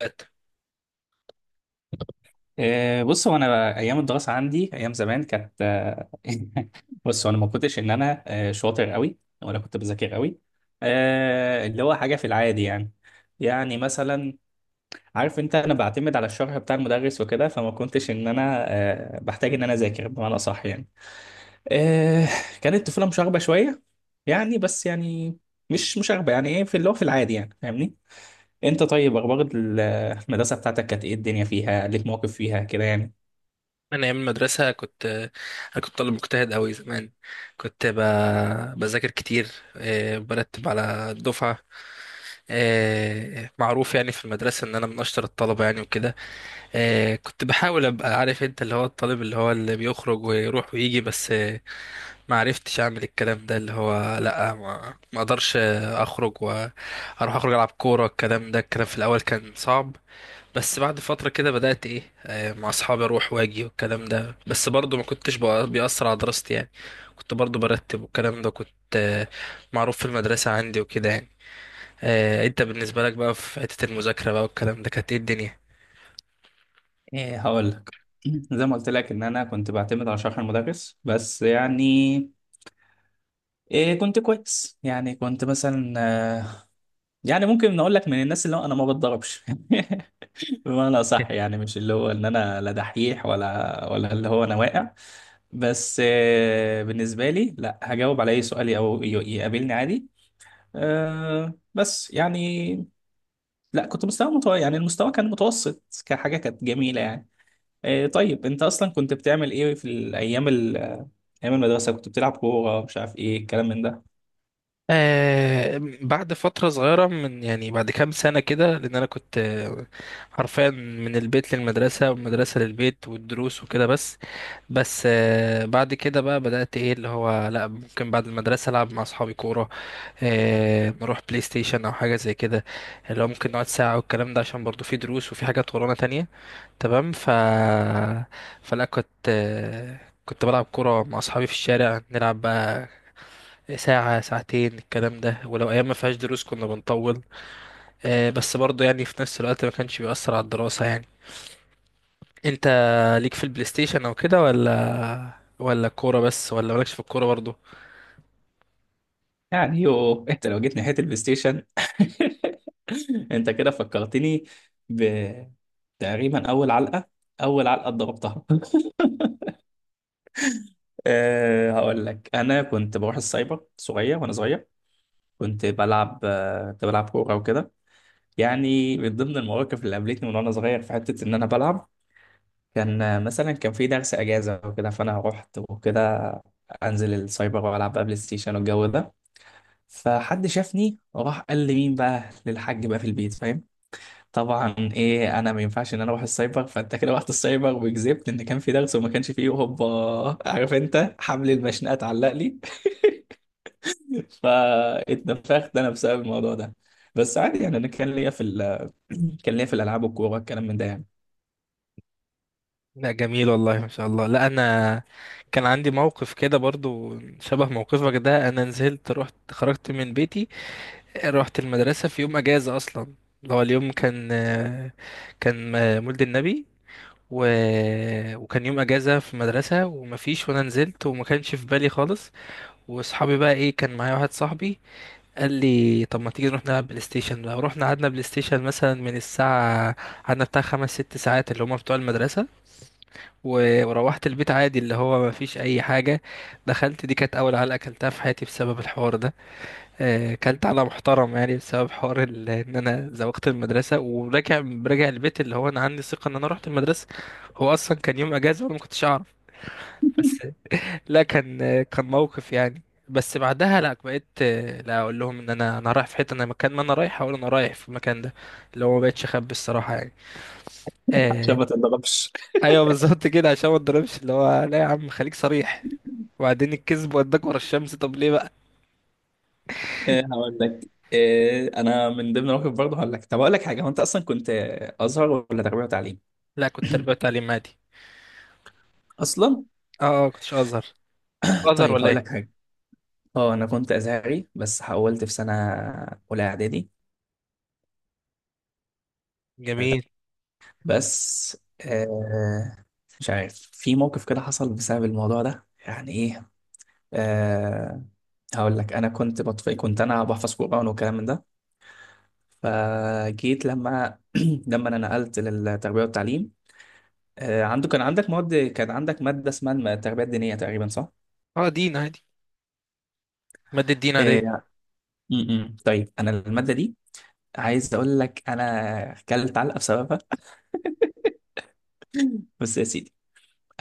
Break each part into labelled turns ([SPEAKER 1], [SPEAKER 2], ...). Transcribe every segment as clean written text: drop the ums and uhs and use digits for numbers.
[SPEAKER 1] ات-
[SPEAKER 2] بص هو انا ايام الدراسه عندي ايام زمان كانت بص هو انا ما كنتش ان انا شاطر قوي ولا كنت بذاكر قوي. اللي هو حاجه في العادي يعني، يعني مثلا عارف انت انا بعتمد على الشرح بتاع المدرس وكده، فما كنتش ان انا بحتاج ان انا اذاكر بمعنى صح يعني. آه، كانت الطفوله مشاغبه شويه يعني، بس يعني مش مشاغبه، يعني ايه في اللي هو في العادي يعني، فاهمني؟ انت طيب، اخبار المدرسه بتاعتك كانت ايه؟ الدنيا فيها ليك مواقف فيها كده يعني؟
[SPEAKER 1] من أيام المدرسة كنت، كنت طالب مجتهد أوي زمان. كنت ب... بذاكر كتير، برتب على الدفعة. معروف يعني في المدرسة إن أنا من أشطر الطلبة يعني وكده. كنت بحاول أبقى عارف أنت اللي هو الطالب اللي هو اللي بيخرج ويروح ويجي بس، ما عرفتش أعمل الكلام ده، اللي هو لأ، ما أقدرش أخرج وأروح، أخرج ألعب كورة الكلام ده. الكلام في الأول كان صعب، بس بعد فترة كده بدأت ايه، مع اصحابي اروح واجي والكلام ده، بس برضو ما كنتش بيأثر على دراستي يعني. كنت برضو برتب والكلام ده، كنت آه، معروف في المدرسة عندي وكده يعني. انت بالنسبة لك بقى في حتة المذاكرة بقى والكلام ده، كانت ايه الدنيا؟
[SPEAKER 2] ايه، هقول لك. زي ما قلت لك ان انا كنت بعتمد على شرح المدرس بس يعني، إيه كنت كويس يعني، كنت مثلا آه، يعني ممكن نقول لك من الناس اللي هو انا ما بتضربش. بمعنى صح يعني، مش اللي هو ان انا لا دحيح ولا اللي هو انا واقع. بس بالنسبه لي لا، هجاوب على اي سؤال او يقابلني عادي. آه، بس يعني لا كنت مستوى يعني المستوى كان متوسط كحاجه كانت جميله يعني. إيه طيب، انت اصلا كنت بتعمل ايه في الايام ايام المدرسه؟ كنت بتلعب كوره، مش عارف ايه الكلام من ده
[SPEAKER 1] آه، بعد فترة صغيرة من يعني بعد كام سنة كده، لأن أنا كنت حرفيا من البيت للمدرسة والمدرسة للبيت والدروس وكده بس. آه، بعد كده بقى بدأت إيه، اللي هو لأ، ممكن بعد المدرسة ألعب مع أصحابي كورة، نروح بلاي ستيشن او حاجه زي كده، اللي هو ممكن نقعد ساعه والكلام ده، عشان برضو في دروس وفي حاجات ورانا تانية. تمام. فلا كنت، كنت بلعب كوره مع اصحابي في الشارع، نلعب بقى ساعة ساعتين الكلام ده، ولو أيام ما فيهاش دروس كنا بنطول. بس برضو يعني في نفس الوقت ما كانش بيأثر على الدراسة يعني. أنت ليك في البلاي ستيشن أو كده، ولا كورة بس، ولا مالكش في الكورة برضو؟
[SPEAKER 2] يعني؟ يو، انت لو جيت ناحيه البلاي ستيشن انت كده فكرتني بتقريبا اول علقه، اول علقه اتضربتها. أه، هقول لك انا كنت بروح السايبر صغير وانا صغير، كنت بلعب كنت بلعب كوره وكده. يعني من ضمن المواقف اللي قابلتني من وانا صغير في حته ان انا بلعب، كان مثلا كان في درس اجازه وكده، فانا رحت وكده انزل السايبر والعب بقى بلاي ستيشن والجو ده. فحد شافني وراح قال لي مين بقى للحاج بقى في البيت، فاهم؟ طبعا ايه، انا ما ينفعش ان انا اروح السايبر، فانت كده رحت السايبر وكذبت ان كان في درس وما كانش فيه، هوبا عارف انت، حمل المشنقه اتعلق لي. فاتنفخت انا بسبب الموضوع ده. بس عادي يعني، انا كان ليا في كان ليا في الالعاب والكوره الكلام من ده يعني.
[SPEAKER 1] لا جميل والله، ما شاء الله. لا انا كان عندي موقف كده برضو شبه موقفك ده. انا نزلت، رحت، خرجت من بيتي، رحت المدرسة في يوم اجازة اصلا. اللي هو اليوم كان مولد النبي، و... وكان يوم اجازة في المدرسة ومفيش، وانا نزلت وما كانش في بالي خالص. واصحابي بقى ايه، كان معايا واحد صاحبي قال لي طب ما تيجي نروح نلعب بلاي ستيشن بقى. رحنا قعدنا بلاي ستيشن مثلا من الساعة، قعدنا بتاع خمس ست ساعات اللي هما بتوع المدرسة. وروحت البيت عادي، اللي هو ما فيش اي حاجه. دخلت، دي كانت اول علقه اكلتها في حياتي بسبب الحوار ده. اكلت على محترم يعني، بسبب حوار ان انا زوقت المدرسه وراجع، راجع البيت، اللي هو انا عندي ثقه ان انا رحت المدرسه، هو اصلا كان يوم اجازه وانا ما كنتش اعرف. بس لا، كان كان موقف يعني. بس بعدها لا، بقيت لا اقول لهم ان انا رايح في حته، انا مكان ما انا رايح اقول انا رايح في المكان ده، اللي هو ما بقتش اخبي الصراحه يعني.
[SPEAKER 2] عشان
[SPEAKER 1] آه،
[SPEAKER 2] ما تتضربش؟
[SPEAKER 1] ايوه بالظبط كده، عشان ما اتضربش، اللي هو لا يا عم خليك صريح، وبعدين الكذب وداك ورا الشمس، طب ليه بقى.
[SPEAKER 2] إيه هقول لك، إيه انا من ضمن المواقف برضه هقول لك. طب اقول لك حاجه، هو انت اصلا كنت ازهر ولا تربيه وتعليم؟
[SPEAKER 1] لا كنت تربية وتعليم عادي.
[SPEAKER 2] اصلا
[SPEAKER 1] اه اه، كنتش ازهر. أنت كنت ازهر
[SPEAKER 2] طيب
[SPEAKER 1] ولا
[SPEAKER 2] هقول لك
[SPEAKER 1] ايه؟
[SPEAKER 2] حاجه، اه انا كنت ازهري، بس حولت في سنه اولى اعدادي
[SPEAKER 1] جميل.
[SPEAKER 2] بس. آه مش عارف، في موقف كده حصل بسبب الموضوع ده يعني ايه. آه هقول لك، انا كنت بطفي، كنت انا بحفظ قرآن والكلام من ده. فجيت لما لما انا نقلت للتربيه والتعليم، عنده كان عندك مواد، كان عندك مادة اسمها التربية الدينية تقريبا، صح؟
[SPEAKER 1] اه، دين عادي، مادة دين عادية. ان
[SPEAKER 2] آه، م. طيب أنا المادة دي عايز أقول لك أنا كلت علقة بسببها. بس يا سيدي،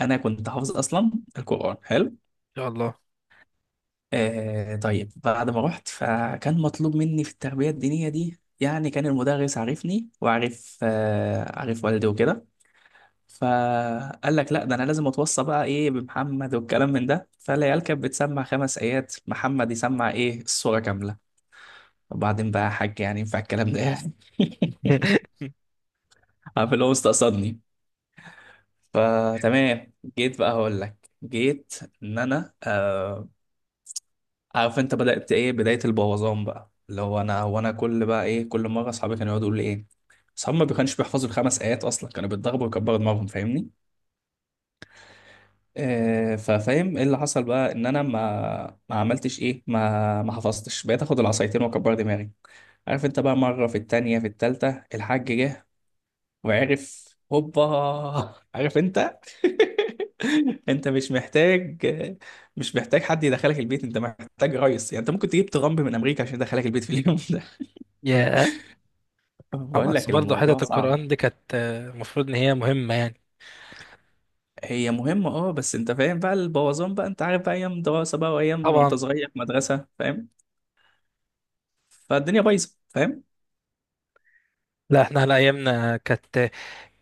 [SPEAKER 2] أنا كنت حافظ أصلا القرآن، حلو؟
[SPEAKER 1] شاء الله.
[SPEAKER 2] طيب بعد ما رحت، فكان مطلوب مني في التربية الدينية دي يعني، كان المدرس عارفني، وعارف عارف والدي وكده. فقال لك لا ده انا لازم اتوصى بقى ايه بمحمد والكلام من ده، فالعيال كانت بتسمع خمس ايات، محمد يسمع ايه السوره كامله. وبعدين بقى يا حاج، يعني ينفع الكلام ده يعني؟ عارف اللي هو مستقصدني. فتمام، جيت بقى هقول لك، جيت ان انا آه عارف انت، بدأت ايه بداية البوظان بقى، اللي هو انا هو انا كل بقى ايه كل مرة اصحابي كانوا يقعدوا يقولوا لي ايه، اصحابي ما كانوش بيحفظوا الخمس ايات اصلا، كانوا بيتضربوا ويكبروا دماغهم، فاهمني؟ آه ففاهم ايه اللي حصل بقى، ان انا ما عملتش ايه، ما حفظتش، بقيت اخد العصايتين واكبر دماغي. عارف انت بقى، مرة في التانية في التالتة الحاج جه وعرف، هوبا عارف انت. انت مش محتاج، مش محتاج حد يدخلك البيت، انت محتاج ريس. يعني انت ممكن تجيب ترامب من امريكا عشان يدخلك البيت في اليوم ده.
[SPEAKER 1] ياه. طبعا،
[SPEAKER 2] بقول
[SPEAKER 1] بس
[SPEAKER 2] لك
[SPEAKER 1] برضه
[SPEAKER 2] الموضوع
[SPEAKER 1] حتة
[SPEAKER 2] صعب.
[SPEAKER 1] القرآن دي كانت المفروض ان هي مهمة يعني.
[SPEAKER 2] هي مهمة اه، بس انت فاهم بقى البوظان بقى، انت عارف بقى ايام دراسة بقى وايام وانت
[SPEAKER 1] طبعا.
[SPEAKER 2] صغير في مدرسة، فاهم؟ فالدنيا بايظة، فاهم؟
[SPEAKER 1] لا احنا على ايامنا كانت،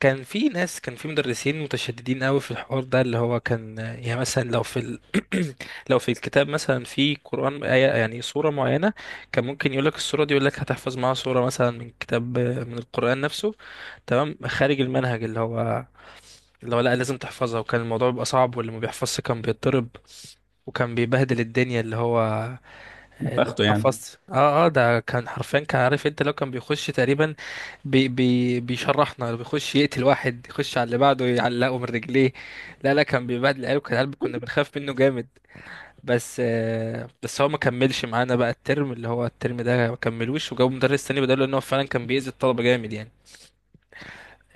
[SPEAKER 1] كان في ناس، كان في مدرسين متشددين قوي في الحوار ده، اللي هو كان يعني مثلا لو لو في الكتاب مثلا في قرآن آية، يعني سورة معينة، كان ممكن يقول لك السورة دي، يقول لك هتحفظ معاها سورة مثلا من كتاب، من القرآن نفسه. تمام، خارج المنهج، اللي هو لا لازم تحفظها. وكان الموضوع بيبقى صعب، واللي ما بيحفظش كان بيتضرب، وكان بيبهدل الدنيا، اللي هو اللي
[SPEAKER 2] نفخته يعني.
[SPEAKER 1] حفظت. اه اه، ده كان حرفيا، كان عارف انت، لو كان بيخش تقريبا بي بي بيشرحنا، لو بيخش يقتل واحد، يخش على اللي بعده يعلقه من رجليه. لا لا، كان بيبهدل العيال، وكان العيال كنا بنخاف منه جامد. بس آه، بس هو ما كملش معانا بقى الترم، اللي هو الترم ده ما كملوش، وجابوا مدرس تاني بداله، ان هو فعلا كان بيأذي الطلبة جامد يعني.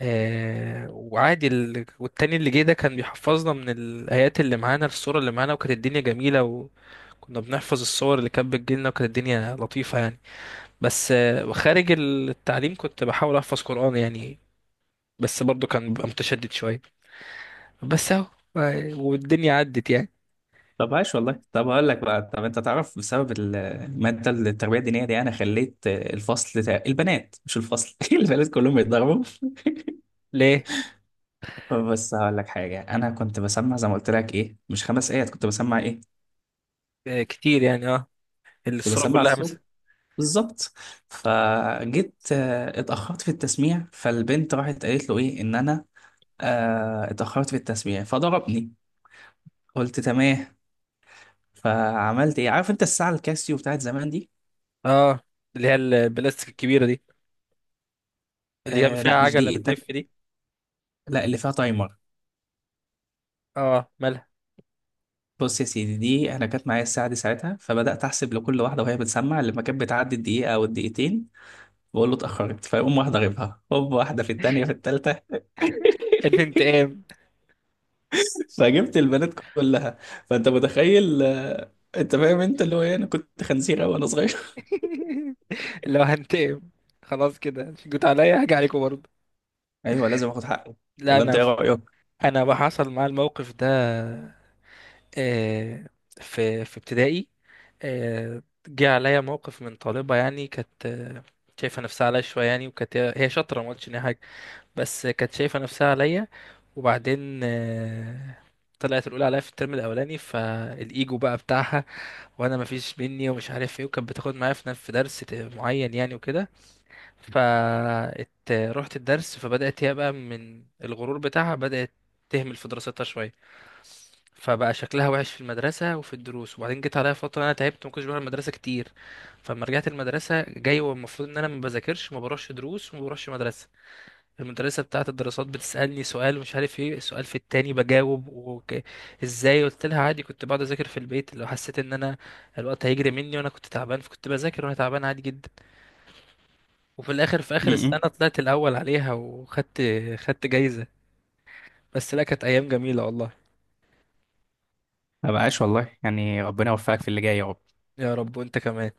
[SPEAKER 1] آه، وعادي والتاني اللي جه ده كان بيحفظنا من الآيات اللي معانا، الصورة اللي معانا، وكانت الدنيا جميلة. وكنا بنحفظ الصور اللي كانت بتجيلنا، وكانت الدنيا لطيفة يعني. بس خارج التعليم كنت بحاول احفظ قرآن يعني، بس برضو كان ببقى متشدد شوية، بس اهو. والدنيا عدت يعني.
[SPEAKER 2] طب عاش والله. طب هقول لك بقى، طب انت تعرف بسبب المادة التربية الدينية دي انا خليت الفصل البنات، مش الفصل، البنات كلهم يتضربوا.
[SPEAKER 1] ليه؟
[SPEAKER 2] بص هقول لك حاجة، أنا كنت بسمع زي ما قلت لك إيه، مش خمس آيات، كنت بسمع إيه،
[SPEAKER 1] آه، كتير يعني، اه.
[SPEAKER 2] كنت
[SPEAKER 1] الصورة
[SPEAKER 2] بسمع
[SPEAKER 1] كلها
[SPEAKER 2] الصوت
[SPEAKER 1] مثلا.
[SPEAKER 2] بالظبط. فجيت اتأخرت في التسميع، فالبنت راحت قالت له إيه إن أنا اتأخرت في التسميع، فضربني. قلت تمام. فعملت إيه عارف أنت الساعة الكاسيو بتاعت زمان دي؟
[SPEAKER 1] اه، اللي هي البلاستيك الكبيرة دي. اللي هي
[SPEAKER 2] آه
[SPEAKER 1] فيها
[SPEAKER 2] لا مش
[SPEAKER 1] عجلة
[SPEAKER 2] دي،
[SPEAKER 1] بتلف
[SPEAKER 2] التانية.
[SPEAKER 1] دي.
[SPEAKER 2] لا اللي فيها تايمر.
[SPEAKER 1] اه، مالها؟
[SPEAKER 2] بص يا سيدي، دي أنا كانت معايا الساعة دي ساعتها، فبدأت أحسب لكل واحدة وهي بتسمع، لما كانت بتعدي الدقيقة أو الدقيقتين بقول له اتأخرت، فيقوم واحدة غيبها هوب، واحدة في التانية في التالتة.
[SPEAKER 1] الانتقام.
[SPEAKER 2] فجبت البنات كلها. فأنت متخيل أنت فاهم أنت اللي هو إيه، أنا كنت خنزيرة وأنا صغير.
[SPEAKER 1] لو هنتقم، خلاص كده جيت عليا، هاجي عليكم برضه.
[SPEAKER 2] أيوه لازم آخد حقي،
[SPEAKER 1] لا
[SPEAKER 2] ولا أنت
[SPEAKER 1] انا،
[SPEAKER 2] إيه رأيك؟
[SPEAKER 1] انا بقى حصل معايا الموقف ده، آه، في في ابتدائي، جه عليا موقف من طالبة يعني. كانت شايفة نفسها عليا شوية يعني، وكانت هي شاطرة، ما قلتش إن هي حاجة، بس كانت شايفة نفسها عليا. وبعدين طلعت الأولى عليا في الترم الأولاني، فالإيجو بقى بتاعها، وأنا مفيش مني ومش عارف إيه. وكانت بتاخد معايا في نفس، في درس معين يعني وكده. فرحت الدرس، فبدأت هي بقى من الغرور بتاعها بدأت تهمل في دراستها شوية، فبقى شكلها وحش في المدرسة وفي الدروس. وبعدين جيت عليا فترة أنا تعبت، ما كنتش بروح المدرسة كتير. فلما رجعت المدرسة جاي، والمفروض إن أنا ما بذاكرش، ما بروحش دروس وما بروحش مدرسة، المدرسة بتاعة الدراسات بتسألني سؤال، مش عارف ايه السؤال، في التاني بجاوب، ازاي؟ قلت لها عادي، كنت بقعد أذاكر في البيت لو حسيت إن أنا الوقت هيجري مني، وأنا كنت تعبان، فكنت بذاكر وأنا تعبان عادي جدا. وفي الآخر في آخر السنة
[SPEAKER 2] م.
[SPEAKER 1] طلعت الأول عليها، خدت جايزة. بس لا، كانت أيام جميلة والله.
[SPEAKER 2] ما بقاش والله يعني، ربنا يوفقك في اللي جاي يا رب.
[SPEAKER 1] يا رب وأنت كمان.